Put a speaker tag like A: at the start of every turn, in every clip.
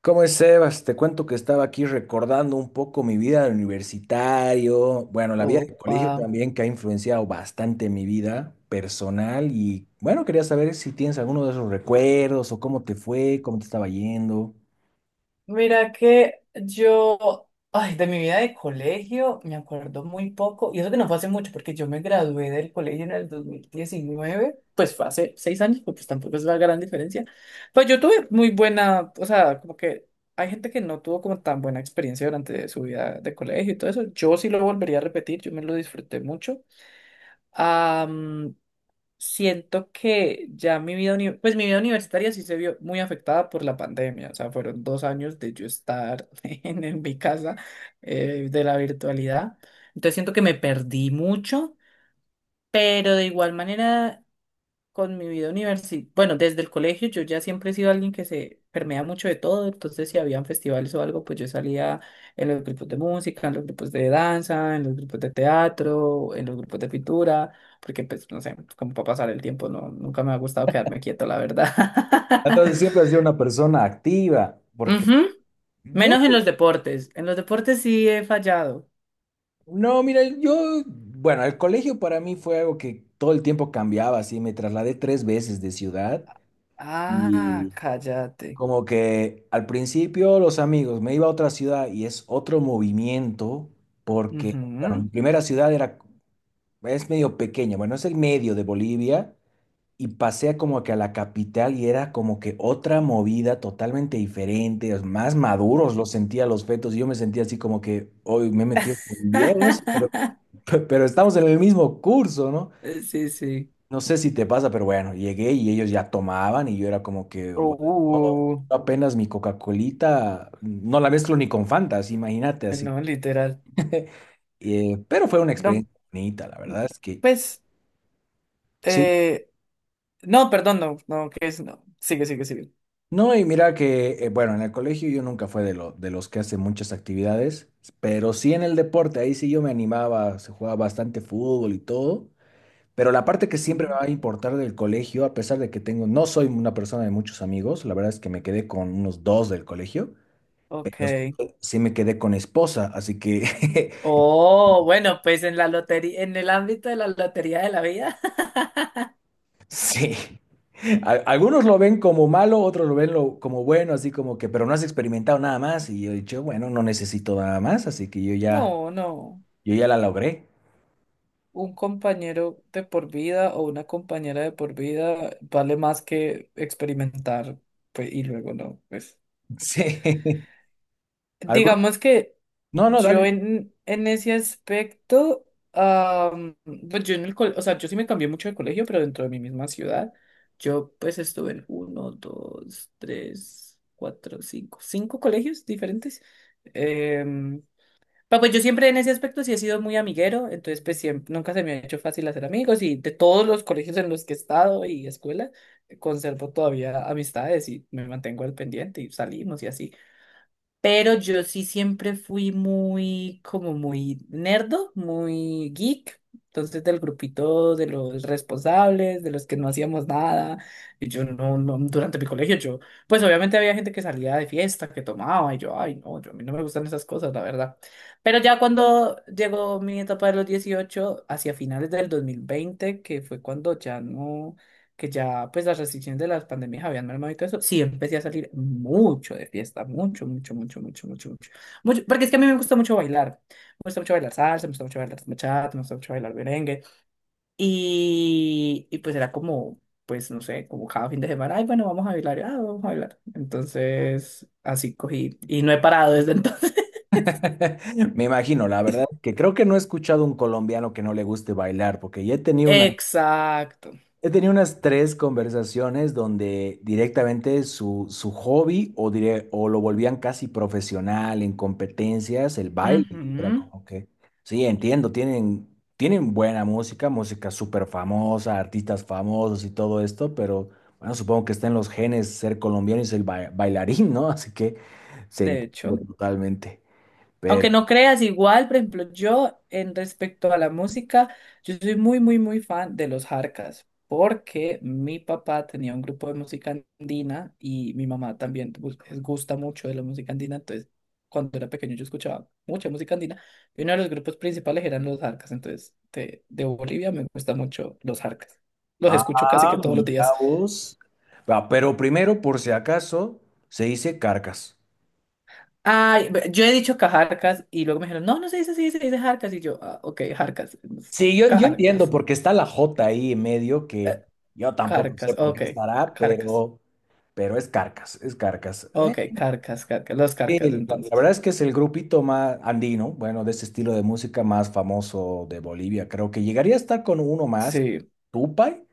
A: ¿Cómo es, Sebas? Te cuento que estaba aquí recordando un poco mi vida de universitario, bueno, la vida de colegio
B: Opa.
A: también que ha influenciado bastante mi vida personal y bueno, quería saber si tienes alguno de esos recuerdos o cómo te fue, cómo te estaba yendo.
B: Mira que yo, ay, de mi vida de colegio me acuerdo muy poco, y eso que no fue hace mucho, porque yo me gradué del colegio en el 2019, pues fue hace 6 años, porque pues tampoco es la gran diferencia. Pues yo tuve muy buena, o sea, como que hay gente que no tuvo como tan buena experiencia durante su vida de colegio y todo eso. Yo sí lo volvería a repetir, yo me lo disfruté mucho. Am, siento que ya pues mi vida universitaria sí se vio muy afectada por la pandemia, o sea, fueron 2 años de yo estar en mi casa, de la virtualidad, entonces siento que me perdí mucho, pero de igual manera con mi vida universitaria. Bueno, desde el colegio yo ya siempre he sido alguien que se permea mucho de todo, entonces si habían festivales o algo, pues yo salía en los grupos de música, en los grupos de danza, en los grupos de teatro, en los grupos de pintura, porque pues no sé, como para pasar el tiempo, no, nunca me ha gustado quedarme quieto, la verdad.
A: Entonces siempre has sido una persona activa, porque
B: Ujú.
A: yo,
B: Menos en los deportes sí he fallado.
A: no, mira, yo, bueno, el colegio para mí fue algo que todo el tiempo cambiaba, así me trasladé tres veces de ciudad.
B: Ah, cállate.
A: Como que al principio los amigos, me iba a otra ciudad y es otro movimiento porque, bueno,
B: Ujú.
A: mi primera ciudad era, es medio pequeña, bueno, es el medio de Bolivia y pasé como que a la capital y era como que otra movida totalmente diferente, es más maduros los sentía los fetos y yo me sentía así como que hoy me he metido con viejos, pero, pero estamos en el mismo curso, no
B: Sí, sí.
A: no sé si te pasa, pero bueno, llegué y ellos ya tomaban y yo era como que, "What? No,
B: Uh.
A: yo apenas mi Coca-Colita, no la mezclo ni con Fanta, así, imagínate, así.
B: No, literal.
A: Pero fue una
B: No,
A: experiencia bonita, la verdad es que
B: pues,
A: sí.
B: eh, no, perdón, no, no, que es, no. Sigue, sigue, sigue.
A: No, y mira que, bueno, en el colegio yo nunca fue de, lo, de los que hacen muchas actividades, pero sí en el deporte, ahí sí yo me animaba, se jugaba bastante fútbol y todo, pero la parte que siempre me
B: Mm,
A: va a importar del colegio, a pesar de que tengo, no soy una persona de muchos amigos, la verdad es que me quedé con unos dos del colegio. Pero sí,
B: ok.
A: sí me quedé con esposa, así que
B: Oh, bueno, pues en la lotería, en el ámbito de la lotería de la vida.
A: sí. A- Algunos lo ven como malo, otros lo ven lo- como bueno, así como que, pero no has experimentado nada más. Y yo he dicho, bueno, no necesito nada más, así que yo ya,
B: No, no.
A: yo ya la logré.
B: Un compañero de por vida o una compañera de por vida vale más que experimentar, pues, y luego no, pues.
A: Sí. Algunos,
B: Digamos que
A: no, no,
B: yo
A: dale.
B: en ese aspecto, pues yo o sea, yo sí me cambié mucho de colegio, pero dentro de mi misma ciudad. Yo pues estuve en uno, dos, tres, cuatro, cinco, cinco colegios diferentes. Em, pero pues yo siempre en ese aspecto sí he sido muy amiguero, entonces pues siempre, nunca se me ha hecho fácil hacer amigos, y de todos los colegios en los que he estado y escuela, conservo todavía amistades y me mantengo al pendiente y salimos y así. Pero yo sí siempre fui muy, como muy nerdo, muy geek. Entonces, del grupito de los responsables, de los que no hacíamos nada. Y yo no, no, durante mi colegio, yo, pues obviamente había gente que salía de fiesta, que tomaba, y yo, ay, no, yo, a mí no me gustan esas cosas, la verdad. Pero ya cuando llegó mi etapa de los 18, hacia finales del 2020, que fue cuando ya no, que ya pues las restricciones de las pandemias habían mermado y todo eso, sí empecé a salir mucho de fiesta, mucho, mucho, mucho, mucho, mucho, mucho, mucho, porque es que a mí me gusta mucho bailar, me gusta mucho bailar salsa, me gusta mucho bailar bachata, me gusta mucho bailar merengue, y pues era como, pues no sé, como cada fin de semana, ay, bueno, vamos a bailar, ah, vamos a bailar, entonces así cogí, y no he parado desde entonces.
A: Me imagino, la verdad, que creo que no he escuchado un colombiano que no le guste bailar, porque ya he tenido una,
B: Exacto.
A: he tenido unas tres conversaciones donde directamente su, su hobby o, dire- o lo volvían casi profesional en competencias, el baile. Y era
B: Ujú.
A: como que, sí, entiendo, tienen, tienen buena música, música súper famosa, artistas famosos y todo esto, pero bueno, supongo que está en los genes ser colombiano y ser ba- bailarín, ¿no? Así que se
B: De hecho.
A: entiende totalmente. Pero,
B: Aunque no creas igual, por ejemplo, yo en respecto a la música, yo soy muy, muy, muy fan de los Jarcas, porque mi papá tenía un grupo de música andina y mi mamá también les gusta mucho de la música andina, entonces cuando era pequeño yo escuchaba mucha música andina y uno de los grupos principales eran los Jarcas, entonces de Bolivia me gustan mucho los Jarcas, los escucho casi
A: ah,
B: que todos los
A: mira
B: días.
A: vos. Ah, pero primero, por si acaso, se dice carcas.
B: Ay, yo he dicho cajarcas y luego me dijeron, no, no se dice así, se dice jarcas. Y yo, ah, ok, jarcas, entonces,
A: Sí, yo entiendo
B: cajarcas.
A: porque está la J ahí en medio que yo tampoco sé
B: Carcas,
A: por qué
B: ok,
A: estará,
B: carcas,
A: pero es Carcas, es Carcas.
B: ok, carcas, carcas, los carcas
A: Sí, la
B: entonces.
A: verdad es que es el grupito más andino, bueno, de ese estilo de música más famoso de Bolivia. Creo que llegaría a estar con uno más,
B: Sí.
A: Tupac,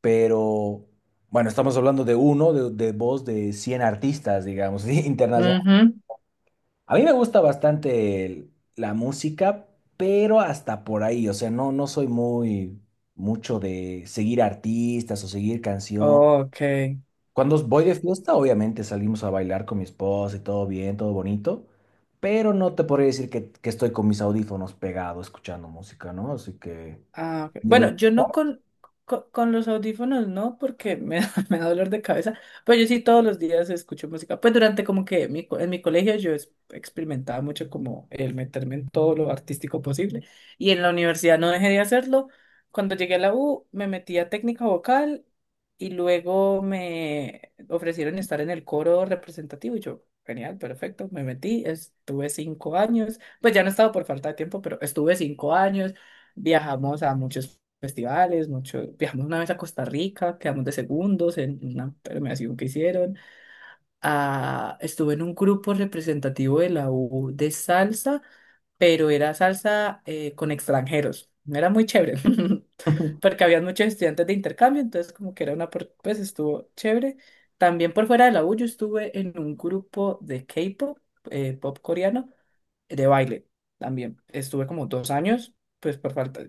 A: pero bueno, estamos hablando de uno, de voz de 100 artistas, digamos, internacionales.
B: Ujú.
A: A mí me gusta bastante el- la música, pero hasta por ahí, o sea, no, no soy muy mucho de seguir artistas o seguir canción.
B: Ok.
A: Cuando voy de fiesta, obviamente salimos a bailar con mi esposa y todo bien, todo bonito, pero no te podría decir que estoy con mis audífonos pegados escuchando música, ¿no? Así que...
B: Ah, ok.
A: Libertad.
B: Bueno, yo no con, los audífonos, no, porque me da, me da dolor de cabeza, pero yo sí todos los días escucho música. Pues durante como que en mi colegio yo experimentaba mucho como el meterme en todo lo artístico posible, y en la universidad no dejé de hacerlo. Cuando llegué a la U me metí a técnica vocal, y luego me ofrecieron estar en el coro representativo y yo, genial, perfecto, me metí, estuve 5 años, pues ya no he estado por falta de tiempo, pero estuve 5 años. Viajamos a muchos festivales, mucho, viajamos una vez a Costa Rica, quedamos de segundos en una premiación que hicieron. Ah, estuve en un grupo representativo de la U de salsa, pero era salsa, con extranjeros. Era muy chévere, porque había muchos estudiantes de intercambio, entonces como que era una, pues estuvo chévere. También por fuera de la U yo estuve en un grupo de K-pop, pop coreano de baile también. Estuve como 2 años, pues por falta,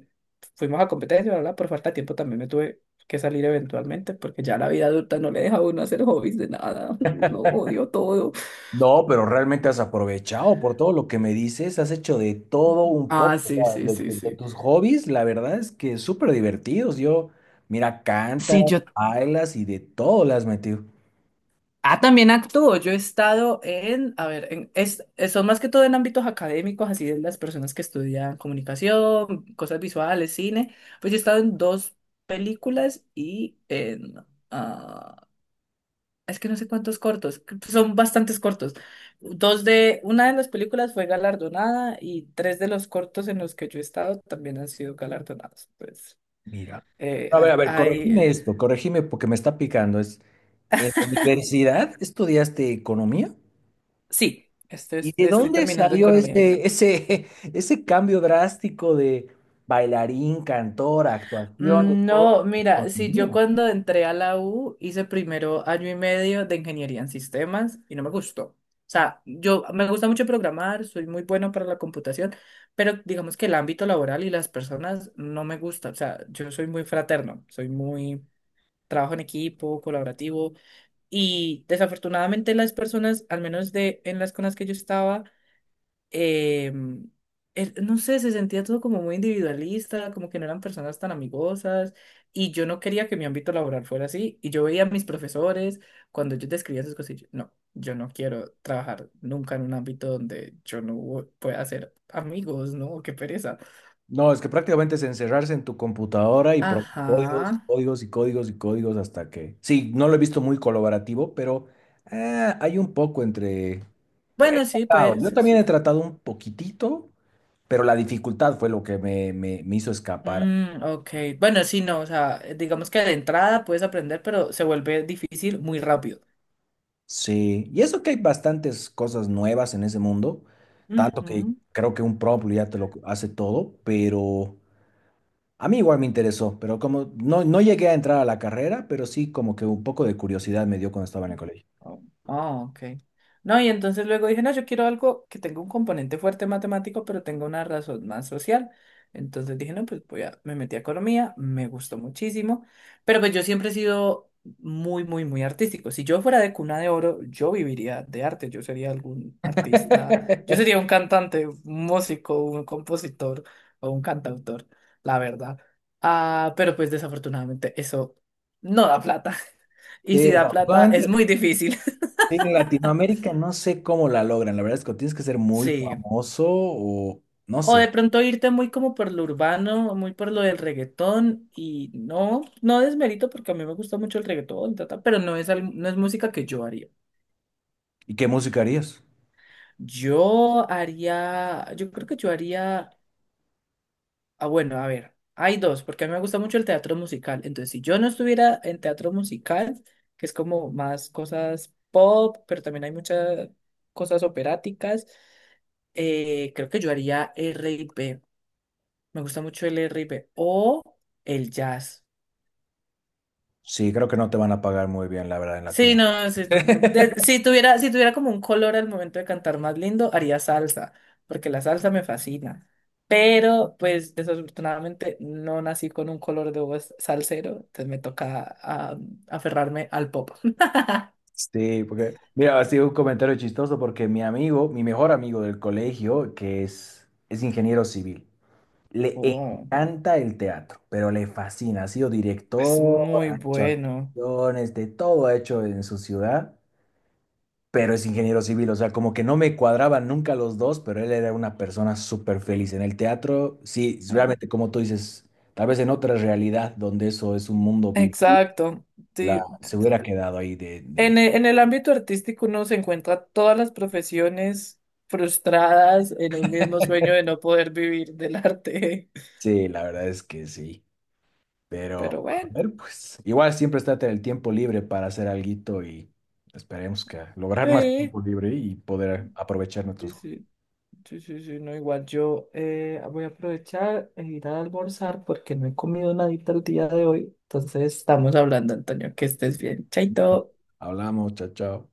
B: fuimos a competencia, ¿verdad? Por falta de tiempo también me tuve que salir eventualmente, porque ya la vida adulta no le deja a uno hacer hobbies de nada. Lo odio todo.
A: No, pero realmente has aprovechado por todo lo que me dices, has hecho de todo un
B: Ah,
A: poco,
B: sí,
A: o sea,
B: sí, sí,
A: de
B: sí.
A: tus hobbies, la verdad es que súper divertidos. Yo, mira, cantas,
B: Sí, yo.
A: bailas y de todo le has metido.
B: Ah, también actúo. Yo he estado en, a ver, en, son más que todo en ámbitos académicos, así de las personas que estudian comunicación, cosas visuales, cine. Pues yo he estado en dos películas y en, ah es que no sé cuántos cortos, son bastantes cortos. Dos de, una de las películas fue galardonada, y tres de los cortos en los que yo he estado también han sido galardonados. Pues,
A: Mira. A ver,
B: hay,
A: corregime esto, corregime porque me está picando. Es, ¿en la universidad estudiaste economía?
B: sí, estoy,
A: ¿Y de
B: estoy
A: dónde
B: terminando
A: salió
B: economía.
A: ese, ese, ese cambio drástico de bailarín, cantor, actuación, de todo?
B: No, mira, si yo
A: ¿Economía?
B: cuando entré a la U hice primero año y medio de ingeniería en sistemas y no me gustó. O sea, yo me gusta mucho programar, soy muy bueno para la computación, pero digamos que el ámbito laboral y las personas no me gusta. O sea, yo soy muy fraterno, soy muy trabajo en equipo, colaborativo, y desafortunadamente las personas, al menos de en las con las que yo estaba, eh, no sé, se sentía todo como muy individualista, como que no eran personas tan amigosas, y yo no quería que mi ámbito laboral fuera así, y yo veía a mis profesores cuando yo describía esas cosas, y yo, no, yo no quiero trabajar nunca en un ámbito donde yo no pueda hacer amigos, ¿no? Qué pereza.
A: No, es que prácticamente es encerrarse en tu computadora y probar códigos,
B: Ajá.
A: y códigos y códigos y códigos hasta que... Sí, no lo he visto muy colaborativo, pero hay un poco entre... He
B: Bueno, sí,
A: tratado, yo
B: pues... es-
A: también he tratado un poquitito, pero la dificultad fue lo que me- me hizo escapar.
B: Mm, ok. Bueno, sí, no, o sea, digamos que de entrada puedes aprender, pero se vuelve difícil muy rápido.
A: Sí, y eso que hay bastantes cosas nuevas en ese mundo, tanto que
B: Ujú.
A: creo que un prompt ya te lo hace todo, pero... A mí igual me interesó, pero como no, no llegué a entrar a la carrera, pero sí como que un poco de curiosidad me dio cuando estaba en el colegio.
B: Oh, oh, ok. No, y entonces luego dije, no, yo quiero algo que tenga un componente fuerte matemático, pero tenga una razón más social. Entonces dije, no, pues voy a, me metí a economía, me gustó muchísimo, pero pues yo siempre he sido muy, muy, muy artístico. Si yo fuera de cuna de oro, yo viviría de arte, yo sería algún artista, yo sería un cantante, un músico, un compositor o un cantautor, la verdad. Ah, pero pues desafortunadamente eso no da plata.
A: Sí,
B: Y si da plata, es
A: desafortunadamente,
B: muy difícil.
A: sí, en Latinoamérica no sé cómo la logran. La verdad es que tienes que ser muy
B: Sí.
A: famoso o no
B: O
A: sé.
B: de pronto irte muy como por lo urbano, muy por lo del reggaetón, y no, no desmerito porque a mí me gusta mucho el reggaetón, ta, ta, pero no es música que yo haría.
A: ¿Y qué música harías?
B: Yo haría, yo creo que yo haría, bueno, a ver, hay dos, porque a mí me gusta mucho el teatro musical, entonces si yo no estuviera en teatro musical, que es como más cosas pop, pero también hay muchas cosas operáticas, creo que yo haría R R&B. Me gusta mucho el R&B o el jazz.
A: Sí, creo que no te van a pagar muy bien, la verdad, en
B: Sí, no, sí, no.
A: Latinoamérica.
B: Si tuviera como un color al momento de cantar más lindo, haría salsa, porque la salsa me fascina. Pero, pues, desafortunadamente no nací con un color de voz salsero, entonces me toca, aferrarme al pop.
A: Sí, porque, mira, así un comentario chistoso porque mi amigo, mi mejor amigo del colegio, que es ingeniero civil. Le
B: Oh,
A: encanta el teatro, pero le fascina. Ha sido
B: es
A: director,
B: muy
A: ha hecho
B: bueno.
A: actuaciones, de todo ha hecho en su ciudad, pero es ingeniero civil. O sea, como que no me cuadraban nunca los dos, pero él era una persona súper feliz en el teatro. Sí, realmente, como tú dices, tal vez en otra realidad donde eso es un mundo vivo,
B: Exacto.
A: la,
B: Sí.
A: se hubiera quedado ahí
B: En
A: de...
B: e- en el ámbito artístico uno se encuentra todas las profesiones frustradas en un mismo sueño de no poder vivir del arte.
A: Sí, la verdad es que sí. Pero,
B: Pero
A: a
B: bueno,
A: ver, pues, igual siempre está el tiempo libre para hacer alguito y esperemos que lograr más
B: sí,
A: tiempo libre y poder aprovechar
B: sí,
A: nuestros...
B: sí, sí, sí, sí, no, igual yo, voy a aprovechar e ir a almorzar porque no he comido nadita el día de hoy. Entonces estamos hablando, Antonio, que estés bien. Chaito.
A: Hablamos, chao, chao.